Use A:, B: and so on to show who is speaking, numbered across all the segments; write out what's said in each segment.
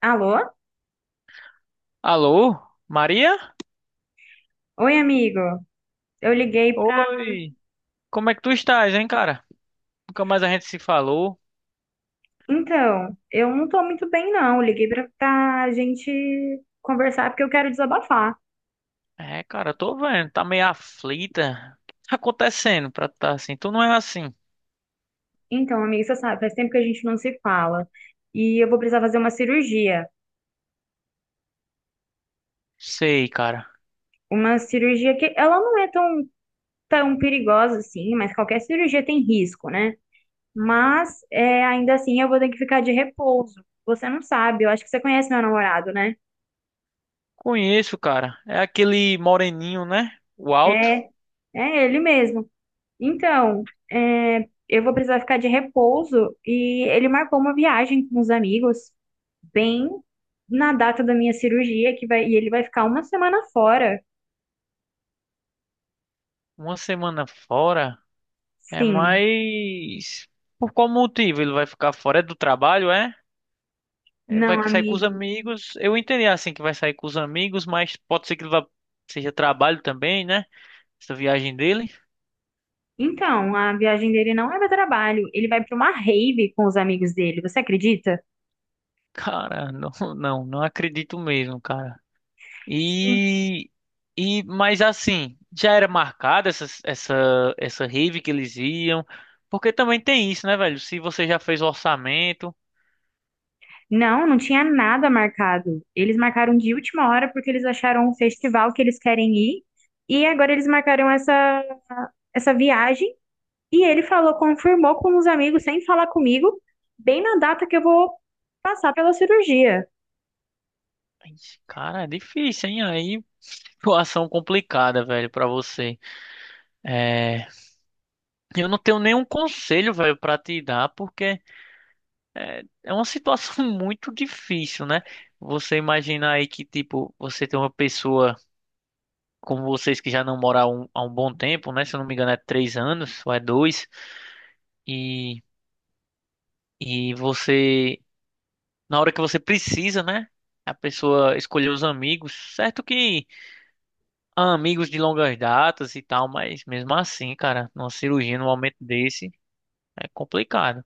A: Alô?
B: Alô, Maria?
A: Oi, amigo. Eu liguei pra.
B: Oi, como é que tu estás, hein, cara? Nunca mais a gente se falou.
A: Então, eu não tô muito bem, não. Eu Liguei pra gente conversar porque eu quero desabafar.
B: É, cara, eu tô vendo, tá meio aflita. O que tá acontecendo pra tu tá assim? Tu não é assim.
A: Então, amigo, você sabe, faz tempo que a gente não se fala. E eu vou precisar fazer uma cirurgia.
B: Sei, cara.
A: Uma cirurgia que ela não é tão perigosa assim, mas qualquer cirurgia tem risco, né? Mas é, ainda assim eu vou ter que ficar de repouso. Você não sabe, eu acho que você conhece meu namorado, né?
B: Conheço, cara. É aquele moreninho, né? O alto.
A: É, é ele mesmo. Então, eu vou precisar ficar de repouso e ele marcou uma viagem com os amigos bem na data da minha cirurgia que vai, e ele vai ficar uma semana fora.
B: Uma semana fora. É
A: Sim,
B: mais. Por qual motivo ele vai ficar fora? É do trabalho, é? Ele vai
A: não,
B: sair com os
A: amigo.
B: amigos. Eu entendi assim que vai sair com os amigos, mas pode ser que ele vá seja trabalho também, né? Essa viagem dele.
A: Então, a viagem dele não é para trabalho, ele vai para uma rave com os amigos dele. Você acredita?
B: Cara, não, não, não acredito mesmo, cara.
A: Sim.
B: E, mas assim, já era marcada essa rave que eles iam, porque também tem isso, né, velho? Se você já fez o orçamento.
A: Não, não tinha nada marcado. Eles marcaram de última hora porque eles acharam um festival que eles querem ir e agora eles marcaram essa viagem. E ele falou, confirmou com os amigos, sem falar comigo, bem na data que eu vou passar pela cirurgia.
B: Ixi, cara, é difícil, hein? Aí, situação complicada, velho, pra você. É, eu não tenho nenhum conselho, velho, pra te dar, porque é uma situação muito difícil, né? Você imagina aí que, tipo, você tem uma pessoa. Como vocês, que já não moram há um bom tempo, né? Se eu não me engano, é três anos ou é dois. E, você, na hora que você precisa, né? A pessoa escolher os amigos. Certo que há amigos de longas datas e tal, mas mesmo assim, cara, numa cirurgia, num momento desse, é complicado.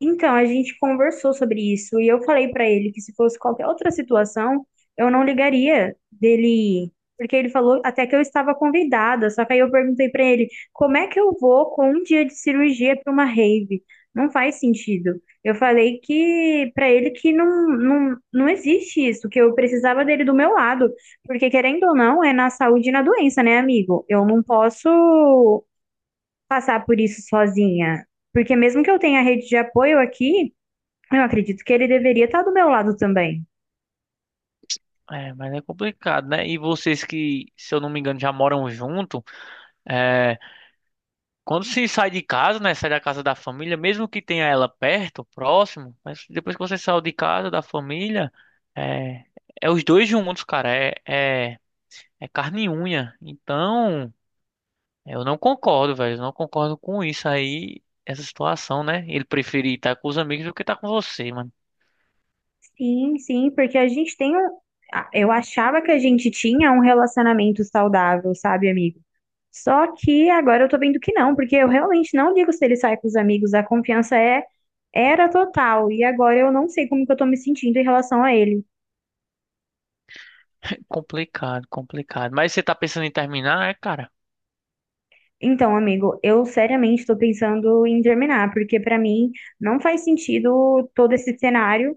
A: Então, a gente conversou sobre isso e eu falei pra ele que se fosse qualquer outra situação, eu não ligaria dele, porque ele falou até que eu estava convidada, só que aí eu perguntei pra ele, como é que eu vou com um dia de cirurgia pra uma rave? Não faz sentido. Eu falei que pra ele que não, não, não existe isso, que eu precisava dele do meu lado, porque querendo ou não, é na saúde e na doença, né, amigo? Eu não posso passar por isso sozinha. Porque mesmo que eu tenha rede de apoio aqui, eu acredito que ele deveria estar do meu lado também.
B: É, mas é complicado, né? E vocês que, se eu não me engano, já moram junto. é, Quando se sai de casa, né? Sai da casa da família, mesmo que tenha ela perto, próximo, mas depois que você saiu de casa, da família, é, é os dois juntos, cara. É carne e unha. Então, eu não concordo, velho. Eu não concordo com isso aí, essa situação, né? Ele preferir estar com os amigos do que estar com você, mano.
A: Sim, sim, porque a gente tem um. A- Eu achava que a gente tinha um relacionamento saudável, sabe, amigo? Só que agora eu tô vendo que não, porque eu realmente não ligo se ele sai com os amigos, a confiança era total, e agora eu não sei como que eu tô me sentindo em relação a ele.
B: Complicado, complicado. Mas você tá pensando em terminar, é, cara?
A: Então, amigo, eu seriamente tô pensando em terminar, porque pra mim não faz sentido todo esse cenário.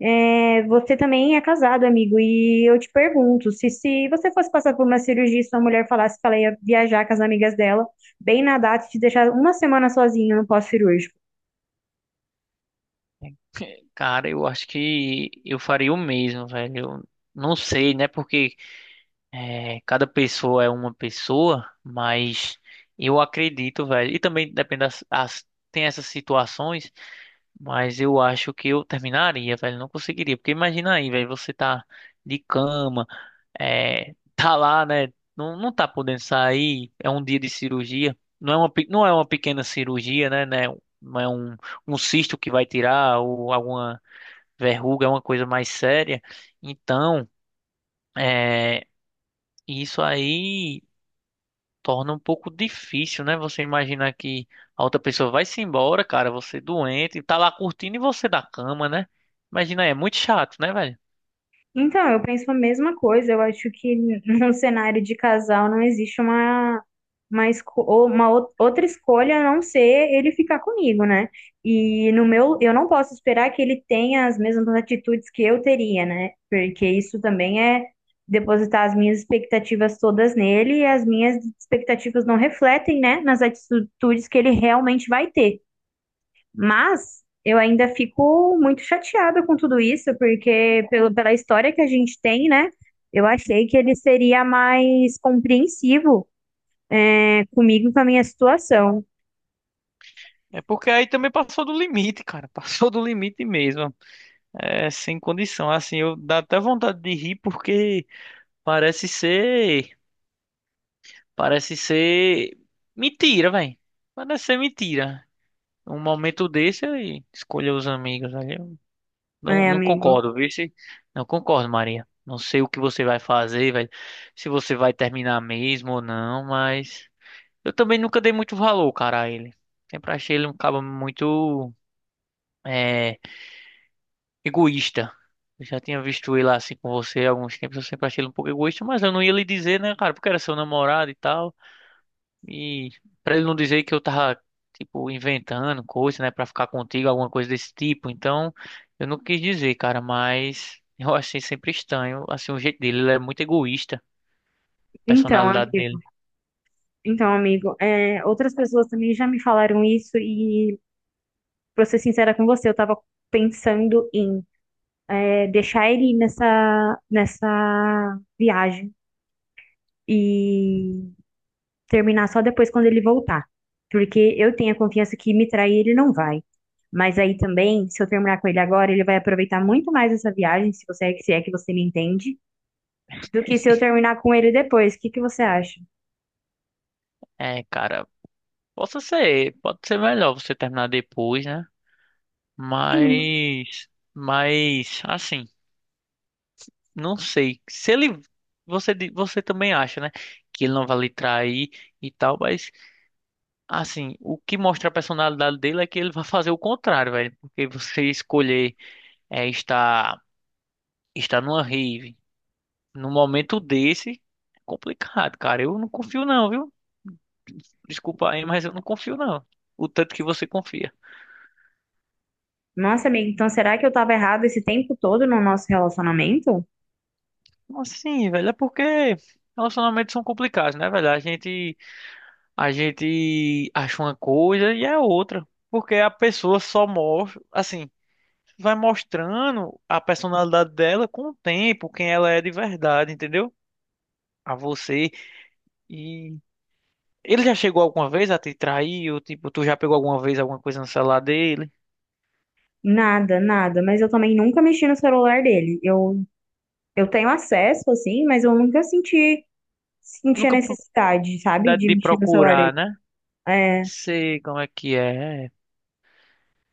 A: É, você também é casado, amigo, e eu te pergunto, se você fosse passar por uma cirurgia e sua mulher falasse que ela ia viajar com as amigas dela, bem na data e te deixar uma semana sozinha no pós-cirúrgico.
B: Cara, eu acho que eu faria o mesmo, velho. Eu não sei, né? Porque é, cada pessoa é uma pessoa, mas eu acredito, velho. E também depende das, as- tem essas situações, mas eu acho que eu terminaria, velho. Não conseguiria, porque imagina aí, velho, você tá de cama, tá lá, né? Não, não tá podendo sair, é um dia de cirurgia. Não é uma, pe- não é uma pequena cirurgia, né? Né, não é um, um cisto que vai tirar ou alguma verruga, é uma coisa mais séria. Então, é, isso aí torna um pouco difícil, né? Você imaginar que a outra pessoa vai se embora, cara, você doente, tá lá curtindo e você da cama, né? Imagina, é muito chato, né, velho?
A: Então, eu penso a mesma coisa. Eu acho que num cenário de casal não existe esco- ou uma outra escolha a não ser ele ficar comigo, né? E no meu, eu não posso esperar que ele tenha as mesmas atitudes que eu teria, né? Porque isso também é depositar as minhas expectativas todas nele e as minhas expectativas não refletem, né, nas atitudes que ele realmente vai ter. Mas eu ainda fico muito chateada com tudo isso, porque pelo, pela história que a gente tem, né? Eu achei que ele seria mais compreensivo, né, comigo e com a minha situação.
B: É porque aí também passou do limite, cara. Passou do limite mesmo. É sem condição. Assim, eu dá até vontade de rir porque parece ser, parece ser mentira, velho. Parece ser mentira. Um momento desse, eu escolher os amigos ali. Não,
A: É,
B: não
A: amigo.
B: concordo, viu? Se- não concordo, Maria. Não sei o que você vai fazer, vai, se você vai terminar mesmo ou não, mas eu também nunca dei muito valor, cara, a ele. Sempre achei ele um cabo muito é, egoísta. Eu já tinha visto ele assim com você há alguns tempos, eu sempre achei ele um pouco egoísta, mas eu não ia lhe dizer, né, cara, porque era seu namorado e tal. E pra ele não dizer que eu tava, tipo, inventando coisa, né, pra ficar contigo, alguma coisa desse tipo. Então, eu não quis dizer, cara, mas eu achei sempre estranho, assim, o jeito dele. Ele é muito egoísta, a
A: Então,
B: personalidade
A: amigo.
B: dele.
A: Então, amigo. Outras pessoas também já me falaram isso, pra ser sincera com você, eu tava pensando em deixar ele nessa viagem. E terminar só depois quando ele voltar. Porque eu tenho a confiança que me trair ele não vai. Mas aí também, se eu terminar com ele agora, ele vai aproveitar muito mais essa viagem, se é que você me entende, do que se eu terminar com ele depois. O que que você acha?
B: É, cara, possa ser, pode ser melhor você terminar depois, né?
A: Sim.
B: Mas, mas assim, não sei. Se ele, você, di- você também acha, né, que ele não vai lhe trair e tal, mas assim, o que mostra a personalidade dele é que ele vai fazer o contrário, velho. Porque você escolher é, estar, estar numa rave num momento desse, é complicado, cara. Eu não confio não, viu? Desculpa aí, mas eu não confio não. O tanto que você confia.
A: Nossa, amiga, então será que eu tava errada esse tempo todo no nosso relacionamento?
B: Assim, velho, é porque relacionamentos são complicados, né, velho? A gente acha uma coisa e é outra. Porque a pessoa só mostra, assim, vai mostrando a personalidade dela com o tempo, quem ela é de verdade, entendeu? A você. E ele já chegou alguma vez a te trair? Ou, tipo, tu já pegou alguma vez alguma coisa no celular dele?
A: Nada, nada, mas eu também nunca mexi no celular dele. Eu tenho acesso, assim, mas eu nunca senti a
B: Nunca
A: necessidade, sabe,
B: oportunidade
A: de
B: de
A: mexer no celular
B: procurar,
A: dele.
B: né?
A: É.
B: Sei como é que é.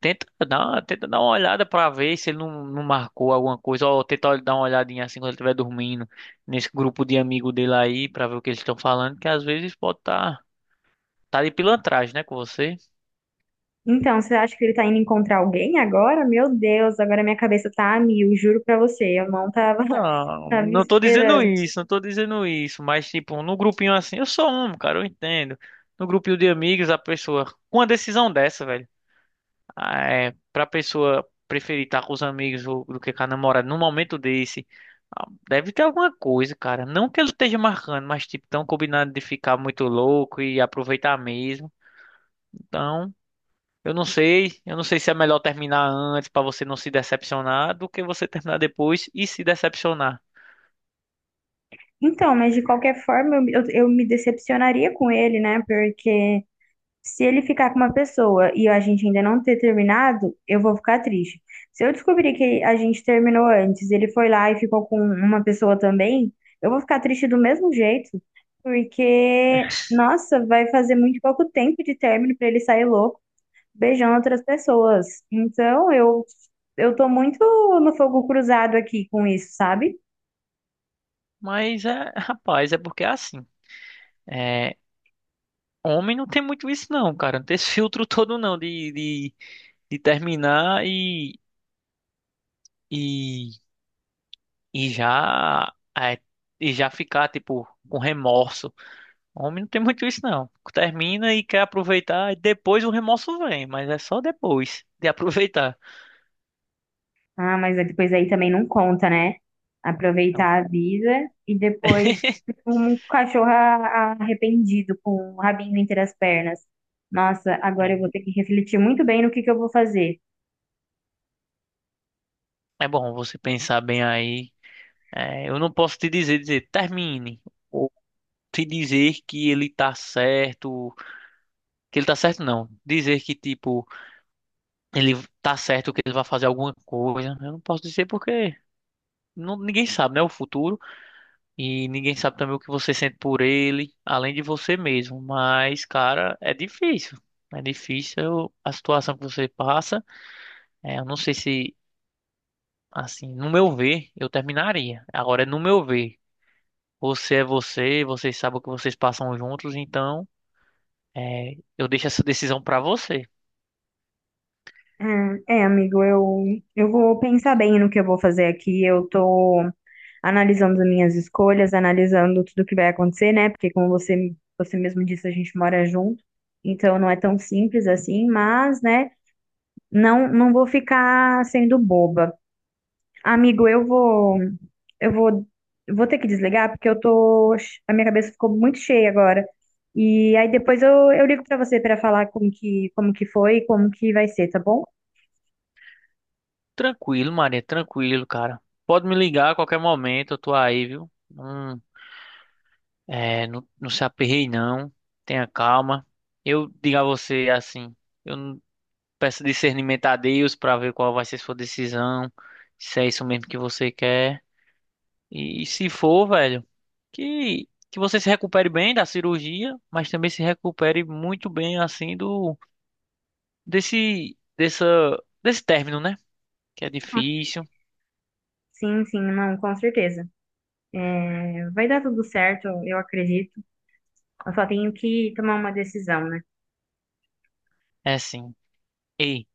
B: Tenta dar uma olhada pra ver se ele não, não marcou alguma coisa. Ou tenta dar uma olhadinha assim quando ele estiver dormindo nesse grupo de amigo dele aí pra ver o que eles estão falando, que às vezes pode tá de pilantragem, né, com você.
A: Então, você acha que ele tá indo encontrar alguém agora? Meu Deus, agora minha cabeça tá a mil, juro pra você, eu não tava,
B: Não,
A: tava
B: não tô dizendo
A: esperando.
B: isso, não tô dizendo isso, mas tipo, no grupinho assim, eu sou um, cara, eu entendo. No grupinho de amigos, a pessoa, com uma decisão dessa, velho, ah, é, pra pessoa preferir estar com os amigos do que com a namorada num momento desse, ah, deve ter alguma coisa, cara. Não que ele esteja marcando, mas tipo, tão combinado de ficar muito louco e aproveitar mesmo. Então, eu não sei se é melhor terminar antes pra você não se decepcionar do que você terminar depois e se decepcionar.
A: Então, mas de qualquer forma, eu me decepcionaria com ele, né? Porque se ele ficar com uma pessoa e a gente ainda não ter terminado, eu vou ficar triste. Se eu descobrir que a gente terminou antes, ele foi lá e ficou com uma pessoa também, eu vou ficar triste do mesmo jeito, porque, nossa, vai fazer muito pouco tempo de término pra ele sair louco, beijando outras pessoas. Então, eu tô muito no fogo cruzado aqui com isso, sabe?
B: Mas é, rapaz, é porque é assim. É, homem não tem muito isso não, cara. Não tem esse filtro todo não de terminar e, e já é, e já ficar tipo com remorso. Homem não tem muito isso não. Termina e quer aproveitar e depois o remorso vem, mas é só depois de aproveitar.
A: Ah, mas depois aí também não conta, né?
B: Então,
A: Aproveitar a vida e depois tipo, um cachorro a- arrependido com o rabinho entre as pernas. Nossa, agora eu vou
B: é
A: ter que refletir muito bem no que eu vou fazer.
B: é bom você pensar bem aí. É, eu não posso te dizer, termine. Ou te dizer que ele tá certo. Que ele tá certo, não. Dizer que, tipo, ele tá certo que ele vai fazer alguma coisa. Eu não posso dizer porque não, ninguém sabe, né? O futuro. E ninguém sabe também o que você sente por ele, além de você mesmo. Mas, cara, é difícil. É difícil a situação que você passa. É, eu não sei se, assim, no meu ver, eu terminaria. Agora, é no meu ver, você é você, vocês sabem o que vocês passam juntos, então, é, eu deixo essa decisão pra você.
A: Ah, é, amigo, eu vou pensar bem no que eu vou fazer aqui. Eu tô analisando as minhas escolhas, analisando tudo que vai acontecer, né? Porque como você, você mesmo disse, a gente mora junto, então não é tão simples assim, mas, né, não, não vou ficar sendo boba. Amigo, eu vou, vou ter que desligar porque eu tô, a minha cabeça ficou muito cheia agora. E aí depois eu ligo pra você pra falar como que foi, e como que vai ser, tá bom?
B: Tranquilo, Maria, tranquilo, cara. Pode me ligar a qualquer momento, eu tô aí, viu? Não, é, não, não se aperrei, não. Tenha calma. Eu digo a você assim, eu não- peço discernimento a Deus pra ver qual vai ser sua decisão, se é isso mesmo que você quer. E, se for, velho, que você se recupere bem da cirurgia, mas também se recupere muito bem assim do desse dessa desse término, né? Que é difícil.
A: Sim, sim, não, com certeza. É, vai dar tudo certo, eu acredito. Eu só tenho que tomar uma decisão, né?
B: É assim. Ei.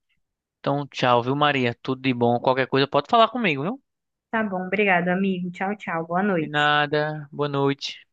B: Então, tchau, viu, Maria? Tudo de bom. Qualquer coisa pode falar comigo, viu?
A: Tá bom, obrigado, amigo. Tchau, tchau. Boa
B: De
A: noite.
B: nada. Boa noite.